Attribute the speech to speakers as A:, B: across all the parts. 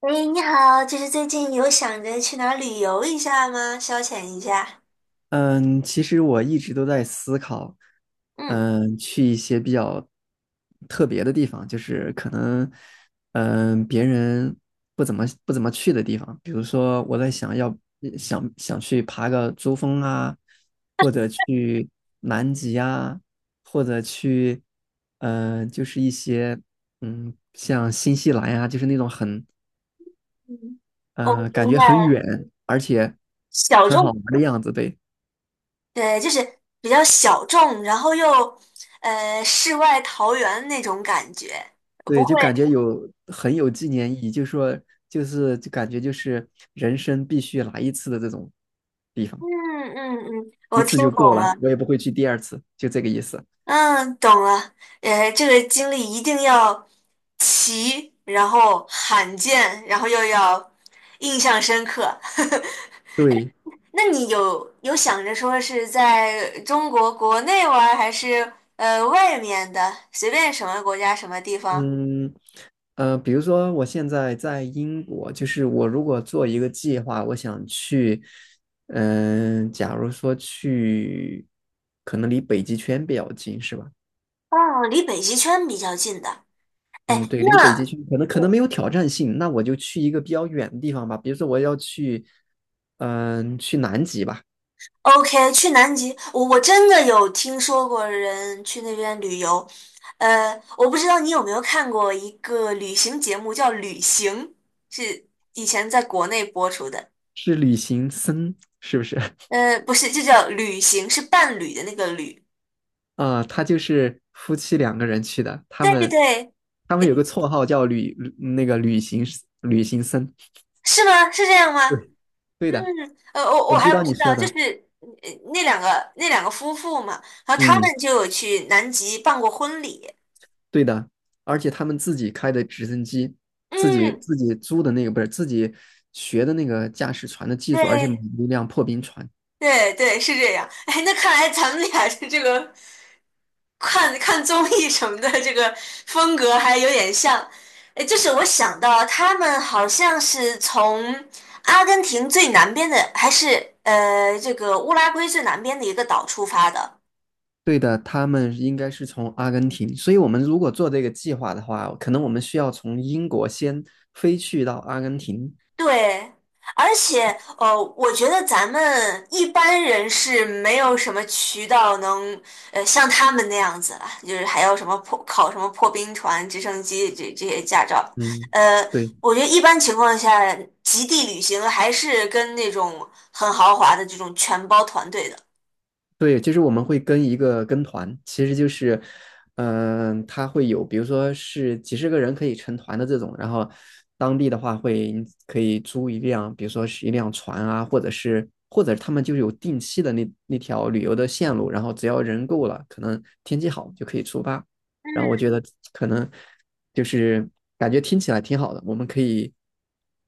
A: 哎，你好，就是最近有想着去哪儿旅游一下吗？消遣一下。
B: 嗯，其实我一直都在思考，
A: 嗯。
B: 去一些比较特别的地方，就是可能，别人不怎么去的地方，比如说我在想要想想去爬个珠峰啊，或者去南极啊，或者去，就是一些，像新西兰呀、就是那种很，
A: 嗯，我
B: 嗯，感
A: 明
B: 觉
A: 白
B: 很
A: 了，
B: 远，而且
A: 小
B: 很好
A: 众。
B: 玩的样子，对。
A: 对，就是比较小众，然后又世外桃源那种感觉，不
B: 对，
A: 会。
B: 就感觉很有纪念意义，就说就是就感觉就是人生必须来一次的这种地方，
A: 嗯嗯嗯，
B: 一
A: 我
B: 次
A: 听
B: 就够
A: 懂
B: 了，
A: 了。
B: 我也不会去第二次，就这个意思。
A: 嗯，懂了。这个经历一定要奇，然后罕见，然后又要印象深刻。
B: 对，
A: 那你有想着说是在中国国内玩儿还是外面的，随便什么国家什么地方？
B: 嗯比如说我现在在英国，就是我如果做一个计划，我想去，假如说去，可能离北极圈比较近，是吧？
A: 哦，离北极圈比较近的。哎，
B: 嗯，对，离北极
A: 那
B: 圈可能没
A: 我
B: 有挑战性，那我就去一个比较远的地方吧，比如说我要去，去南极吧，
A: OK 去南极，我真的有听说过人去那边旅游。我不知道你有没有看过一个旅行节目叫《旅行》，是以前在国内播出的。
B: 是旅行僧是不是？
A: 不是，就叫《旅行》，是伴侣的那个旅。
B: 啊，他就是夫妻两个人去的，他
A: 对
B: 们
A: 对。
B: 他们有个绰号叫旅那个旅行旅行僧，
A: 是吗？是这样吗？
B: 对，对
A: 嗯。
B: 的，
A: 我
B: 我知
A: 还不
B: 道你
A: 知
B: 说
A: 道，就
B: 的，
A: 是那两个夫妇嘛，然后他
B: 嗯，
A: 们就有去南极办过婚礼。
B: 对的，而且他们自己开的直升机，自己
A: 嗯，
B: 自己租的那个不是自己学的那个驾驶船的技术，而且买了
A: 对
B: 一辆破冰船。
A: 对对，是这样。哎，那看来咱们俩是这个看看综艺什么的这个风格还有点像。哎，就是我想到他们好像是从阿根廷最南边的，还是这个乌拉圭最南边的一个岛出发的。
B: 对的，他们应该是从阿根廷，所以我们如果做这个计划的话，可能我们需要从英国先飞去到阿根廷。
A: 对，而且我觉得咱们一般人是没有什么渠道能像他们那样子了，就是还要什么破考什么破冰船、直升机这些驾照。
B: 嗯，
A: 呃，
B: 对。
A: 我觉得一般情况下，极地旅行还是跟那种很豪华的这种全包团队的。
B: 对，就是我们会跟一个跟团，其实就是，他会有，比如说是几十个人可以成团的这种，然后当地的话会可以租一辆，比如说是一辆船啊，或者他们就有定期的那条旅游的线路，然后只要人够了，可能天气好就可以出发。然后
A: 嗯，
B: 我觉得可能就是感觉听起来挺好的，我们可以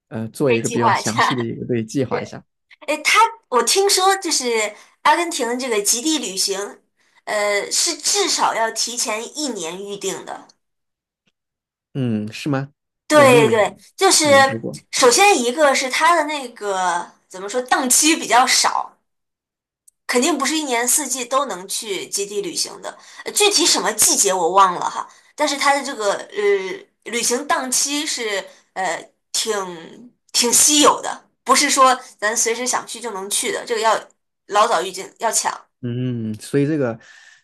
B: 做
A: 可以
B: 一个
A: 计
B: 比较
A: 划一
B: 详
A: 下。
B: 细的一个对计 划一
A: 对。
B: 下。
A: 哎，他我听说就是阿根廷的这个极地旅行，是至少要提前一年预定的。
B: 嗯，是吗？我没
A: 对
B: 有
A: 对，就是
B: 研究过。
A: 首先一个是它的那个怎么说，档期比较少，肯定不是一年四季都能去基地旅行的。具体什么季节我忘了哈，但是它的这个旅行档期是挺稀有的，不是说咱随时想去就能去的，这个要老早预警，要抢。
B: 嗯，所以这个，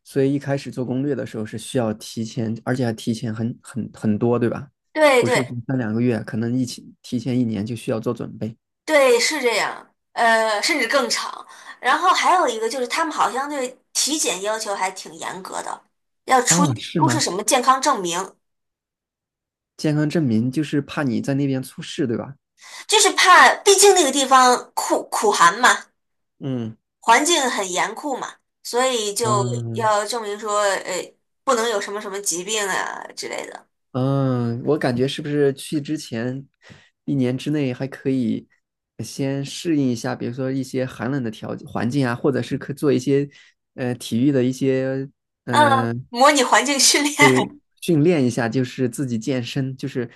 B: 所以一开始做攻略的时候是需要提前，而且还提前很多，对吧？
A: 对
B: 不是
A: 对。
B: 说三两个月，可能一起提前一年就需要做准备
A: 对，是这样，甚至更长。然后还有一个就是，他们好像对体检要求还挺严格的，要出
B: 啊，是
A: 出示
B: 吗？
A: 什么健康证明，
B: 健康证明就是怕你在那边出事，对吧？
A: 就是怕，毕竟那个地方酷苦寒嘛，
B: 嗯
A: 环境很严酷嘛，所以就
B: 嗯
A: 要证明说，不能有什么什么疾病啊之类的。
B: 嗯，我感觉是不是去之前一年之内还可以先适应一下，比如说一些寒冷的环境啊，或者是可做一些体育的一些。
A: 嗯，
B: 嗯、
A: 模拟环境训练。
B: 对，训练一下，就是自己健身，就是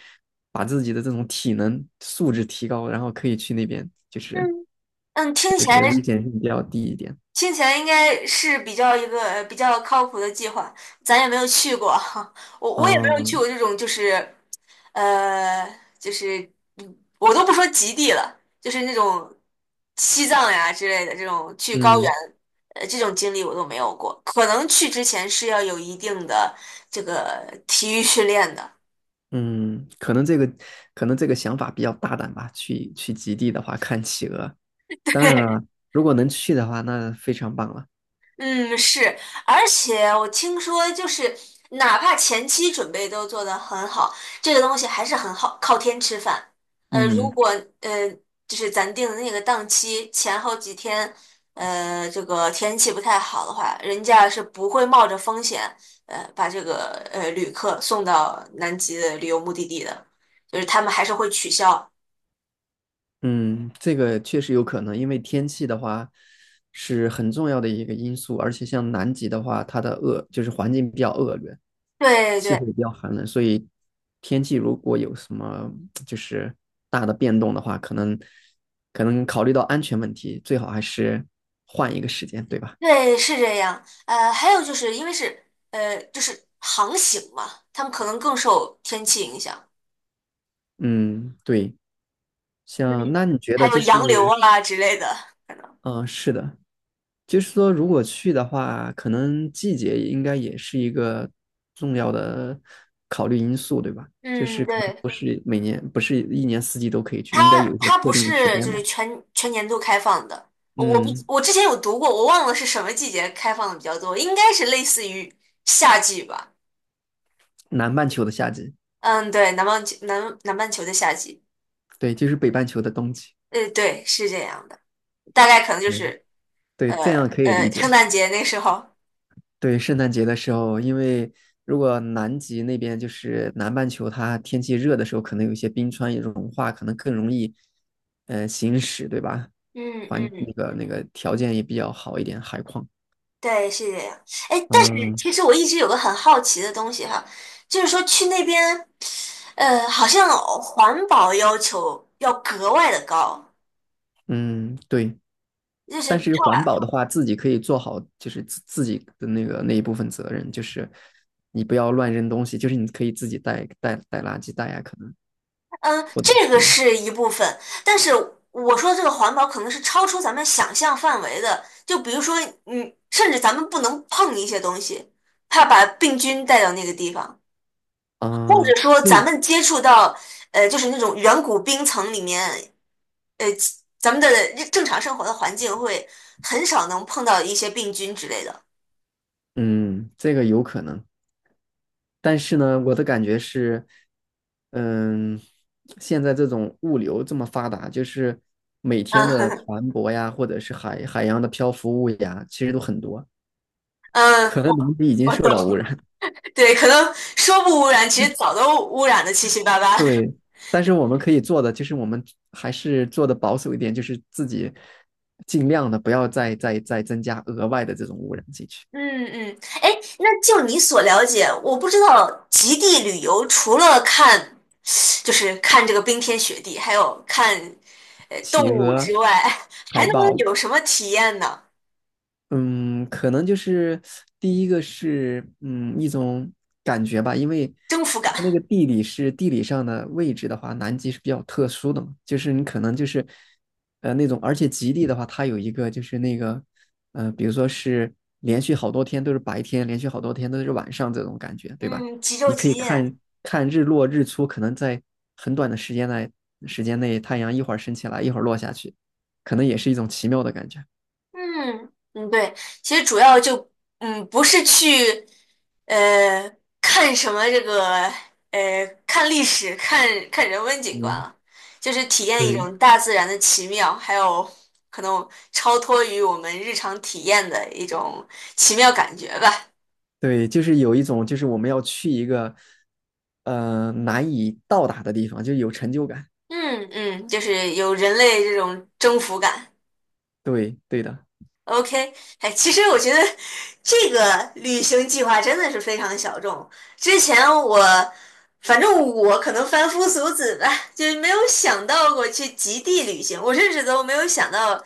B: 把自己的这种体能素质提高，然后可以去那边，就是
A: 嗯嗯，
B: 就是危险性比较低一点。
A: 听起来应该是比较一个比较靠谱的计划，咱也没有去过。我也没有去
B: 啊，
A: 过这种就是呃就是嗯我都不说极地了，就是那种西藏呀之类的这种去高原，
B: 嗯
A: 这种经历我都没有过，可能去之前是要有一定的这个体育训练的。
B: 嗯，可能这个想法比较大胆吧。去极地的话，看企鹅。当然 了，如果能去的话，那非常棒了。
A: 嗯，是，而且我听说，就是哪怕前期准备都做得很好，这个东西还是很好，靠天吃饭。呃，如
B: 嗯。
A: 果呃，就是咱定的那个档期前后几天，这个天气不太好的话，人家是不会冒着风险，把这个旅客送到南极的旅游目的地的，就是他们还是会取消。
B: 嗯，这个确实有可能，因为天气的话是很重要的一个因素，而且像南极的话，它的就是环境比较恶劣，
A: 对
B: 气
A: 对。
B: 候比较寒冷，所以天气如果有什么就是大的变动的话，可能考虑到安全问题，最好还是换一个时间，对吧？
A: 对，是这样。还有就是因为是就是航行嘛，他们可能更受天气影响，
B: 嗯，对，
A: 嗯，
B: 像那你觉
A: 还
B: 得
A: 有
B: 就
A: 洋流
B: 是，
A: 啊之类的。可能。
B: 嗯，是的，就是说，如果去的话，可能季节应该也是一个重要的考虑因素，对吧？就是
A: 嗯，
B: 可能
A: 对，
B: 不是每年，不是一年四季都可以去，应该
A: 它
B: 有一些
A: 它
B: 特
A: 不
B: 定的时
A: 是
B: 间
A: 就
B: 吧。
A: 是全年度开放的。我不，
B: 嗯，
A: 我之前有读过，我忘了是什么季节开放的比较多，应该是类似于夏季吧。
B: 南半球的夏季，
A: 嗯，对，南半球的夏季，
B: 对，就是北半球的冬季。
A: 对，是这样的，大概可能就
B: 嗯，
A: 是
B: 对，这样可以理
A: 圣
B: 解。
A: 诞节那时候。
B: 对，圣诞节的时候，因为如果南极那边就是南半球，它天气热的时候，可能有一些冰川也融化，可能更容易，行驶，对吧？
A: 嗯
B: 环那
A: 嗯。
B: 个那个条件也比较好一点，海况。
A: 对，是这样。哎，但是
B: 嗯
A: 其实我一直有个很好奇的东西哈，就是说去那边，好像环保要求要格外的高，
B: 嗯，对。
A: 就是
B: 但是
A: 超，
B: 环保的话，自己可以做好，就是自己的那个那一部分责任，就是你不要乱扔东西，就是你可以自己带垃圾袋啊，可能
A: 嗯，
B: 或者
A: 这个
B: 是
A: 是一部分，但是我说这个环保可能是超出咱们想象范围的，就比如说，嗯，甚至咱们不能碰一些东西，怕把病菌带到那个地方，或者
B: 嗯，
A: 说
B: 这
A: 咱们接触到，就是那种远古冰层里面。呃，咱们的正常生活的环境会很少能碰到一些病菌之类的。
B: 嗯这个有可能。但是呢，我的感觉是，嗯，现在这种物流这么发达，就是每天的
A: 嗯
B: 船舶呀，或者是海洋的漂浮物呀，其实都很多，
A: 嗯，
B: 可能
A: 我
B: 南极已经
A: 我
B: 受
A: 懂。
B: 到污染。
A: 对，可能说不污染，其实早都污染的七七八 八。
B: 对，但是我们可以做的就是，我们还是做的保守一点，就是自己尽量的不要再增加额外的这种污染进去，
A: 嗯嗯，哎，那就你所了解，我不知道极地旅游除了看看这个冰天雪地，还有看动
B: 企
A: 物之
B: 鹅、
A: 外，还
B: 海
A: 能
B: 豹。
A: 有什么体验呢？
B: 嗯，可能就是第一个是一种感觉吧，因为
A: 征服感。
B: 因为地理上的位置的话，南极是比较特殊的嘛，就是你可能就是那种，而且极地的话，它有一个就是那个比如说是连续好多天都是白天，连续好多天都是晚上这种感觉，对吧？
A: 嗯，极昼
B: 你可
A: 极
B: 以
A: 夜。
B: 看看日落日出，可能在很短的时间内，太阳一会儿升起来，一会儿落下去，可能也是一种奇妙的感觉。
A: 嗯嗯，对，其实主要就嗯不是去呃看什么这个看历史、看看人文景观
B: 嗯，
A: 了，就是体验一
B: 对。
A: 种大自然的奇妙，还有可能超脱于我们日常体验的一种奇妙感觉吧。
B: 对，就是有一种，就是我们要去一个，难以到达的地方，就有成就感。
A: 嗯嗯，就是有人类这种征服感。
B: 对，对的，
A: OK，哎，其实我觉得这个旅行计划真的是非常小众。之前我，反正我可能凡夫俗子吧，就是没有想到过去极地旅行。我甚至都没有想到，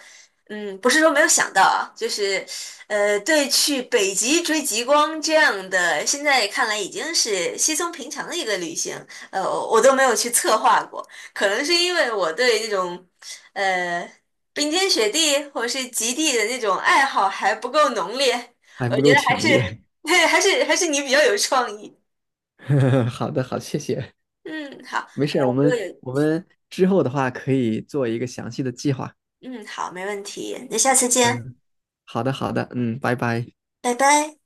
A: 嗯，不是说没有想到啊，就是，对去北极追极光这样的，现在看来已经是稀松平常的一个旅行，呃，我都没有去策划过。可能是因为我对这种。呃，冰天雪地或者是极地的那种爱好还不够浓烈，
B: 还
A: 我
B: 不
A: 觉
B: 够
A: 得
B: 强烈。
A: 对，还是你比较有创意。
B: 好的，好，谢谢，
A: 嗯，好，
B: 没事儿我
A: 我就
B: 们
A: 有，
B: 我们之后的话可以做一个详细的计划。
A: 嗯，好，没问题，那下次见，
B: 好的，好的，嗯，拜拜。
A: 拜拜。